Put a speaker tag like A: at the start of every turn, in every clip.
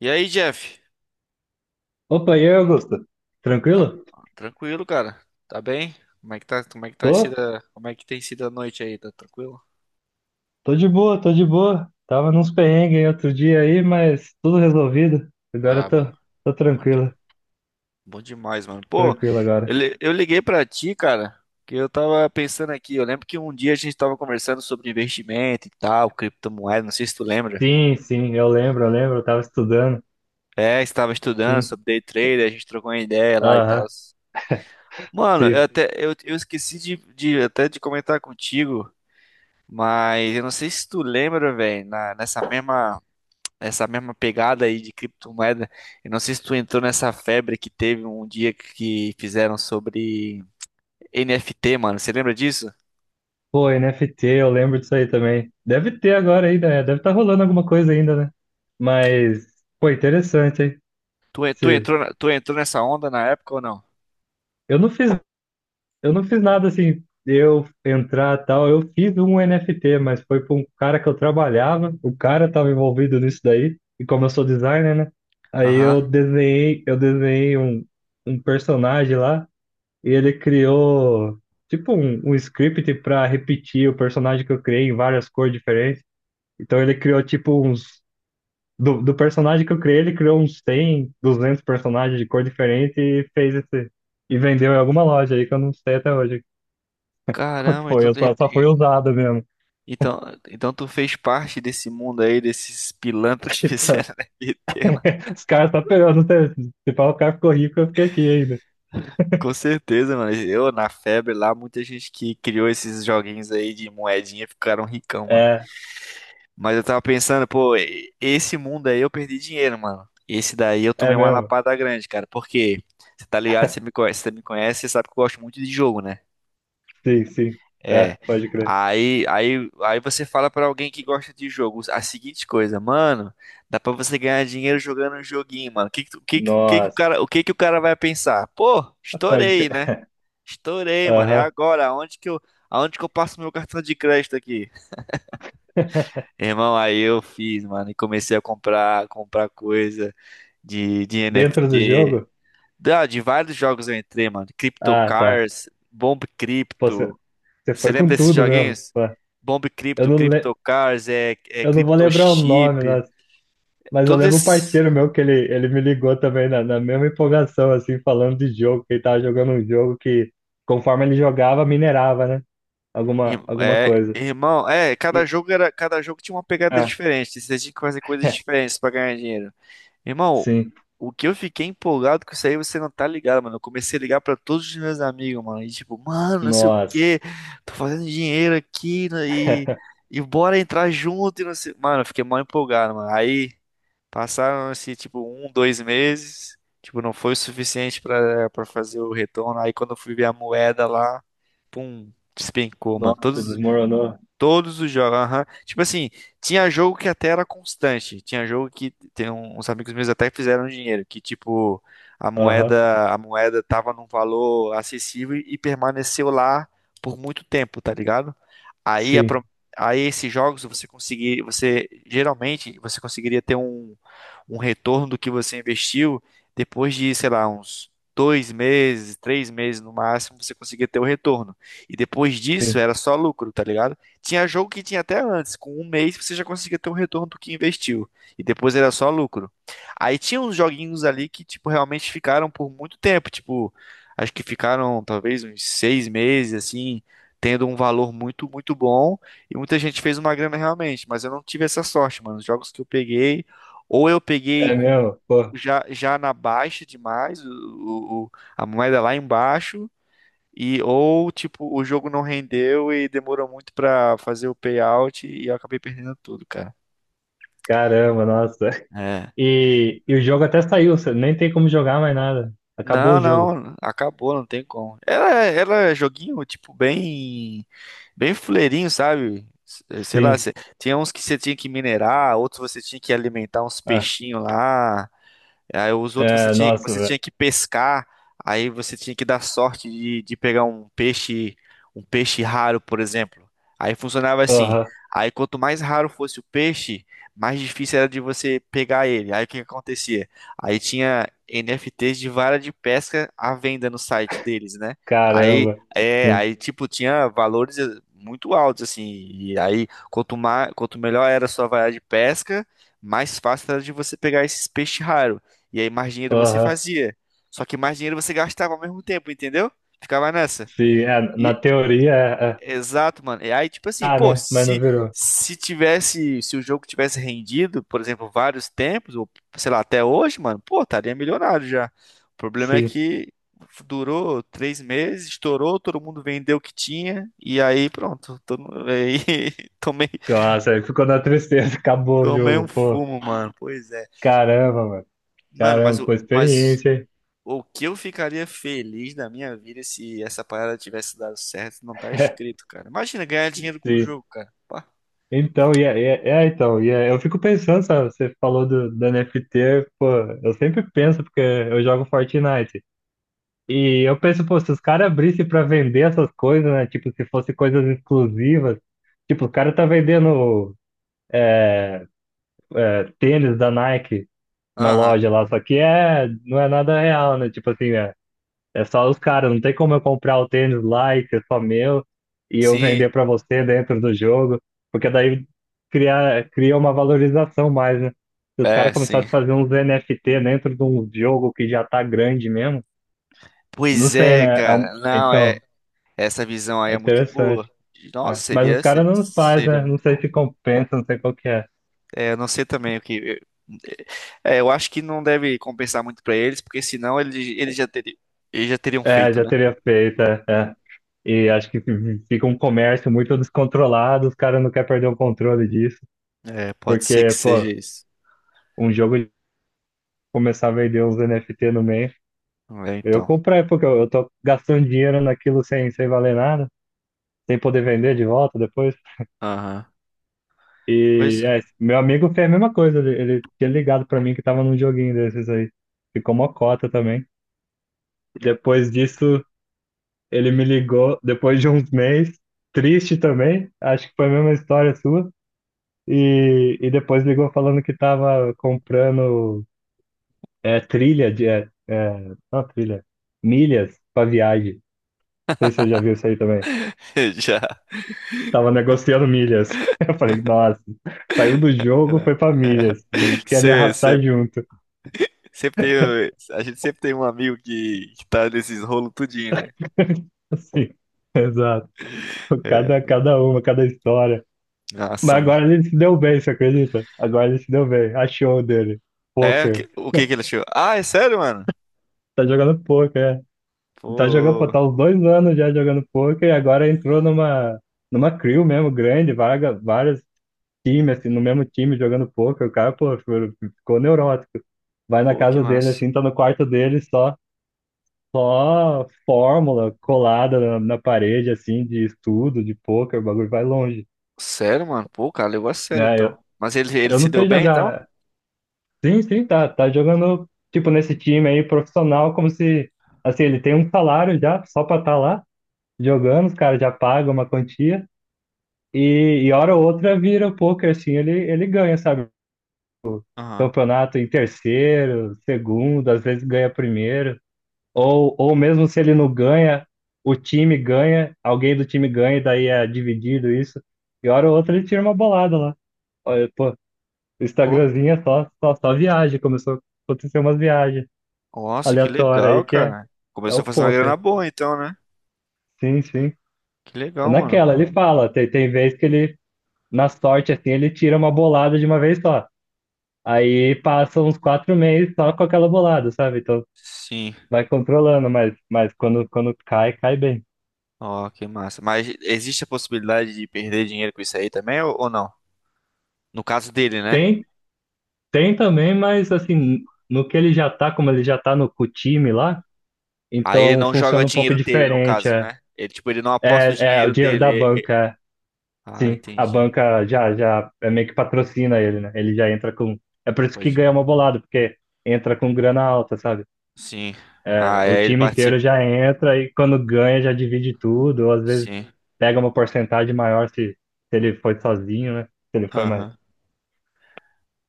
A: E aí, Jeff?
B: Opa, e aí, Augusto?
A: Tá
B: Tranquilo?
A: tranquilo, cara? Tá bem? Como é que tá, como é que tá sido,
B: Tô,
A: a- Como é que tem sido a noite aí? Tá tranquilo?
B: tô de boa, tô de boa. Tava nos perrengues outro dia aí, mas tudo resolvido. Agora
A: Ah,
B: eu
A: bom.
B: tô
A: Bom, de-
B: tranquilo,
A: Bom demais, mano. Pô,
B: tranquilo agora.
A: eu liguei pra ti, cara, que eu tava pensando aqui. Eu lembro que um dia a gente tava conversando sobre investimento e tal, criptomoeda, não sei se tu lembra.
B: Sim, sim, eu lembro, eu tava estudando.
A: É, estava estudando
B: Sim,
A: sobre day trader, a gente trocou uma ideia lá e tal.
B: aham,
A: Mano, eu
B: sim.
A: até eu, eu esqueci de comentar contigo, mas eu não sei se tu lembra, velho, na- nessa mesma essa mesma pegada aí de criptomoeda. Eu não sei se tu entrou nessa febre que teve um dia que fizeram sobre NFT, mano. Você lembra disso?
B: Pô, NFT, eu lembro disso aí também. Deve ter agora ainda, né? Deve estar rolando alguma coisa ainda, né? Mas, pô, interessante, hein?
A: Tu, en- tu
B: Esse...
A: entrou, na- tu entrou nessa onda na época ou não?
B: Eu não fiz Eu não fiz nada assim, eu entrar tal. Eu fiz um NFT, mas foi para um cara que eu trabalhava. O cara estava envolvido nisso daí. E como eu sou designer, né? Aí eu
A: Aham.
B: desenhei, eu desenhei um personagem lá e ele criou tipo um script para repetir o personagem que eu criei em várias cores diferentes. Então ele criou tipo uns do personagem que eu criei, ele criou uns 100, 200 personagens de cor diferente e fez esse e vendeu em alguma loja aí que eu não sei até hoje, só que
A: Caramba,
B: Foi, só, só foi usada mesmo.
A: então, então tu fez parte desse mundo aí, desses pilantras que
B: Então,
A: fizeram NFT, mano.
B: os caras estão pegando. Se falar, o cara ficou rico, eu fiquei aqui ainda.
A: Com certeza, mano. Eu na febre lá, muita gente que criou esses joguinhos aí de moedinha ficaram ricão, mano.
B: É,
A: Mas eu tava pensando, pô, esse mundo aí eu perdi dinheiro, mano. Esse daí eu
B: é
A: tomei uma
B: mesmo.
A: lapada grande, cara. Por quê? Você tá ligado, você me conhece, você me conhece, você sabe que eu gosto muito de jogo, né?
B: Sim, sim. É,
A: É.
B: pode crer.
A: Aí, você fala pra alguém que gosta de jogo a seguinte coisa, mano, dá pra você ganhar dinheiro jogando um joguinho, mano. Que tu- que o
B: Nossa,
A: cara, o que que o cara vai pensar? Pô,
B: pode
A: estourei, né?
B: crer.
A: Estourei, mano. É
B: Aham.
A: agora, aonde que eu passo meu cartão de crédito aqui? Irmão, aí eu fiz, mano, e comecei a comprar coisa de
B: Dentro do
A: NFT.
B: jogo?
A: De vários jogos eu entrei, mano. Crypto
B: Ah, tá.
A: Cars, Bomb
B: Pô, você,
A: Crypto.
B: você
A: Você
B: foi
A: lembra
B: com
A: desses
B: tudo mesmo.
A: joguinhos?
B: Pô,
A: Bomb
B: eu
A: Crypto,
B: não, le-
A: Crypto Cars, é
B: eu não vou
A: Crypto
B: lembrar o nome,
A: Chip.
B: nossa, mas eu
A: Todos
B: lembro um
A: esses.
B: parceiro meu que ele me ligou também na mesma empolgação, assim, falando de jogo, que ele tava jogando um jogo que, conforme ele jogava, minerava, né?
A: ir-
B: Alguma
A: É,
B: coisa.
A: irmão, é, cada jogo tinha uma pegada
B: É,
A: diferente. Você tinha que fazer coisas diferentes pra ganhar dinheiro. Irmão,
B: sim.
A: o que eu fiquei empolgado com isso aí, você não tá ligado, mano. Eu comecei a ligar pra todos os meus amigos, mano. E tipo, mano, não sei o
B: Nossa.
A: quê, tô fazendo dinheiro aqui né, e, e bora entrar junto e não sei. Mano, eu fiquei mal empolgado, mano. Aí passaram assim, tipo, um, 2 meses. Tipo, não foi o suficiente pra fazer o retorno. Aí quando eu fui ver a moeda lá, pum, despencou, mano.
B: Nossa,
A: Todos.
B: desmoronou.
A: Todos os jogos, aham. Tipo assim, tinha jogo que até era constante. Tinha jogo que tem uns amigos meus até fizeram dinheiro, que tipo, a
B: Aham,
A: moeda, a moeda tava num valor acessível e permaneceu lá por muito tempo, tá ligado? Aí, a
B: sim,
A: pro- aí esses jogos você conseguiria ter um retorno do que você investiu depois de, sei lá, uns 2 meses, 3 meses no máximo, você conseguia ter o retorno. E depois disso
B: sim.
A: era só lucro, tá ligado? Tinha jogo que tinha até antes, com 1 mês você já conseguia ter um retorno do que investiu. E depois era só lucro. Aí tinha uns joguinhos ali que, tipo, realmente ficaram por muito tempo. Tipo, acho que ficaram talvez uns 6 meses, assim, tendo um valor muito, muito bom. E muita gente fez uma grana realmente. Mas eu não tive essa sorte, mano. Os jogos que eu peguei, ou eu peguei
B: É
A: com.
B: mesmo? Pô,
A: Já na baixa demais, a moeda lá embaixo, e ou tipo, o jogo não rendeu e demorou muito pra fazer o payout e eu acabei perdendo tudo, cara.
B: caramba, nossa.
A: É.
B: E o jogo até saiu, você nem tem como jogar mais nada. Acabou
A: Não,
B: o jogo.
A: não, acabou, não tem como. Era joguinho tipo bem bem fuleirinho, sabe? Sei lá,
B: Sim.
A: tinha uns que você tinha que minerar, outros você tinha que alimentar uns
B: Ah,
A: peixinhos lá. Aí os outros você
B: é,
A: tinha,
B: nossa,
A: você
B: velho.
A: tinha que pescar, aí você tinha que dar sorte de pegar um peixe raro, por exemplo. Aí funcionava assim.
B: Aham,
A: Aí quanto mais raro fosse o peixe, mais difícil era de você pegar ele. Aí o que que acontecia? Aí tinha NFTs de vara de pesca à venda no site deles, né? Aí
B: caramba.
A: é,
B: Sim.
A: aí tipo tinha valores muito altos assim. E aí quanto melhor era a sua vara de pesca, mais fácil era de você pegar esses peixes raros. E aí mais dinheiro você
B: Aham,
A: fazia. Só que mais dinheiro você gastava ao mesmo tempo, entendeu? Ficava nessa.
B: sim. É, na
A: E
B: teoria, é, é.
A: Exato, mano. E aí tipo assim,
B: Ah,
A: pô,
B: né? Mas não
A: se
B: virou.
A: se tivesse, se o jogo tivesse rendido, por exemplo, vários tempos ou sei lá, até hoje, mano, pô, estaria milionário já. O problema é
B: Sim.
A: que durou 3 meses, estourou, todo mundo vendeu o que tinha e aí pronto, aí tomei
B: Nossa, aí ficou na tristeza. Acabou o
A: tomei um
B: jogo, pô.
A: fumo, mano. Pois é.
B: Caramba, mano.
A: Mano,
B: Caramba, pô, experiência, hein?
A: o que eu ficaria feliz da minha vida se essa parada tivesse dado certo, não tá escrito, cara. Imagina ganhar dinheiro com o
B: Sim.
A: jogo, cara. Pá.
B: Então, eu fico pensando, sabe? Você falou do NFT, pô, eu sempre penso, porque eu jogo Fortnite. E eu penso, pô, se os caras abrissem pra vender essas coisas, né? Tipo, se fosse coisas exclusivas. Tipo, o cara tá vendendo, é, tênis da Nike na
A: Aham.
B: loja lá, só que, não é nada real, né? Tipo assim, é só os caras, não tem como eu comprar o tênis lá e ser só meu e eu
A: Sim.
B: vender pra você dentro do jogo, porque daí cria uma valorização mais, né? Se os
A: É,
B: caras
A: sim.
B: começarem a fazer uns NFT dentro de um jogo que já tá grande mesmo, não
A: Pois
B: sei,
A: é,
B: né?
A: cara. Não, é.
B: Então,
A: Essa visão aí
B: é
A: é muito boa.
B: interessante.
A: Nossa,
B: É. Mas os
A: seria,
B: caras
A: se-
B: não faz,
A: seria
B: né? Não
A: muito
B: sei
A: bom.
B: se compensa, não sei qual que é.
A: É, eu não sei também o que. É, eu acho que não deve compensar muito pra eles, porque senão eles já teriam
B: É,
A: feito,
B: já
A: né?
B: teria feito, é. É. E acho que fica um comércio muito descontrolado, os caras não querem perder o controle disso,
A: É, pode ser que
B: porque, pô,
A: seja isso.
B: um jogo começar a vender uns NFT no meio.
A: É,
B: Eu
A: então.
B: comprei, porque eu tô gastando dinheiro naquilo sem, sem valer nada, sem poder vender de volta depois.
A: Aham. Pois
B: E
A: é.
B: é, meu amigo fez a mesma coisa, ele tinha ligado pra mim que tava num joguinho desses aí. Ficou mocota também. Depois disso, ele me ligou depois de uns meses, triste também, acho que foi a mesma história sua. E depois ligou falando que tava comprando, é, trilha de. É, é, não, trilha, milhas pra viagem. Sei se você já viu isso aí também.
A: Já.
B: Tava negociando milhas. Eu falei, nossa, saiu do jogo,
A: Era.
B: foi pra milhas. E quer me
A: Cê, cê-
B: arrastar junto.
A: sempre tem, a gente sempre tem um amigo que tá nesses rolos tudinho, né?
B: Assim, exato.
A: É,
B: Cada uma, cada história.
A: nossa,
B: Mas
A: mano.
B: agora ele se deu bem, você acredita? Agora ele se deu bem. Achou dele.
A: É, o
B: Poker.
A: que, o que que ele achou? Ah, é sério, mano?
B: Tá jogando poker, é. Tá jogando, pô,
A: Pô,
B: tá uns 2 anos já jogando poker e agora entrou numa crew mesmo grande, vaga, várias time, assim, no mesmo time, jogando poker, o cara, pô, ficou neurótico. Vai na
A: pô, que
B: casa dele,
A: massa.
B: assim, tá no quarto dele, só fórmula colada na parede, assim, de estudo, de poker, o bagulho vai longe.
A: Sério, mano? Pô, cara, levou a sério,
B: É, eu,
A: então. Mas ele
B: eu
A: se
B: não
A: deu
B: sei
A: bem, então?
B: jogar. Sim, sim, tá jogando, tipo, nesse time aí, profissional, como se, assim, ele tem um salário já, só pra estar tá lá, jogando, os caras já pagam uma quantia. E hora ou outra vira o poker, assim, ele ganha, sabe?
A: Aham.
B: Campeonato em terceiro, segundo, às vezes ganha primeiro. Ou mesmo se ele não ganha, o time ganha, alguém do time ganha, e daí é dividido isso. E hora ou outra ele tira uma bolada lá. Olha, pô, o
A: Pô,
B: Instagramzinho é só viagem. Começou a acontecer umas viagens
A: nossa, que
B: aleatórias
A: legal,
B: aí que,
A: cara.
B: é
A: Começou
B: o
A: fazendo uma grana
B: poker.
A: boa, então, né?
B: Sim, sim.
A: Que
B: É
A: legal, mano.
B: naquela, ele fala. Tem vez que ele, na sorte, assim, ele tira uma bolada de uma vez só. Aí passa uns 4 meses só com aquela bolada, sabe? Então
A: Sim.
B: vai controlando, mas quando, quando cai, cai bem.
A: Ó, que massa. Mas existe a possibilidade de perder dinheiro com isso aí também, ou não? No caso dele, né?
B: Tem, tem também, mas assim, no que ele já tá, como ele já tá no com o time lá,
A: Aí ele
B: então
A: não joga o
B: funciona um pouco
A: dinheiro dele, no
B: diferente.
A: caso, né? Ele, tipo, ele não aposta o
B: É o
A: dinheiro
B: dinheiro
A: dele.
B: da banca, é.
A: Ah,
B: Sim. A
A: entendi.
B: banca já é meio que patrocina ele, né? Ele já entra com. É por isso que
A: Pode.
B: ganha uma bolada, porque entra com grana alta, sabe?
A: Sim. Ah,
B: É, o
A: aí ele
B: time inteiro
A: participa.
B: já entra e quando ganha já divide tudo, ou às vezes
A: Sim.
B: pega uma porcentagem maior se ele foi sozinho, né? Se ele foi mais.
A: Aham.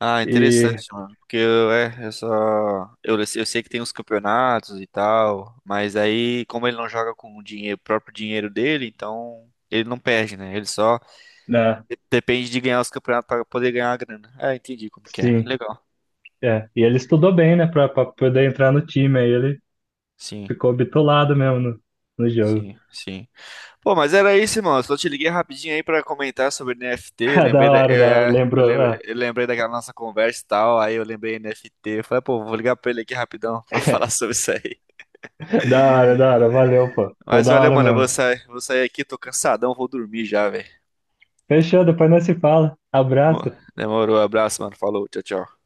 A: Ah,
B: E.
A: interessante, mano. Porque eu, é, eu só. Eu sei que tem uns campeonatos e tal. Mas aí, como ele não joga com o dinheiro, o próprio dinheiro dele, então ele não perde, né? Ele só
B: né,
A: depende de ganhar os campeonatos para poder ganhar a grana. É, entendi como que é.
B: sim,
A: Legal.
B: é. E ele estudou bem, né, pra, pra poder entrar no time. Aí ele
A: Sim,
B: ficou bitolado mesmo no jogo.
A: sim, sim. Pô, mas era isso, irmão. Eu só te liguei rapidinho aí pra comentar sobre NFT.
B: Ah, da
A: Lembrei da,
B: hora,
A: eu,
B: da hora.
A: é,
B: Lembrou. Ah.
A: eu lembrei daquela nossa conversa e tal. Aí eu lembrei NFT. Eu falei, pô, vou ligar pra ele aqui rapidão pra falar sobre isso aí.
B: Da hora, da hora. Valeu, pô. Foi
A: Mas
B: da
A: valeu,
B: hora
A: mano. Eu vou
B: mesmo.
A: sair, vou sair aqui, tô cansadão, vou dormir já, velho.
B: Fechou, depois nós se fala.
A: Demo-
B: Abraço.
A: Demorou, abraço, mano. Falou, tchau, tchau.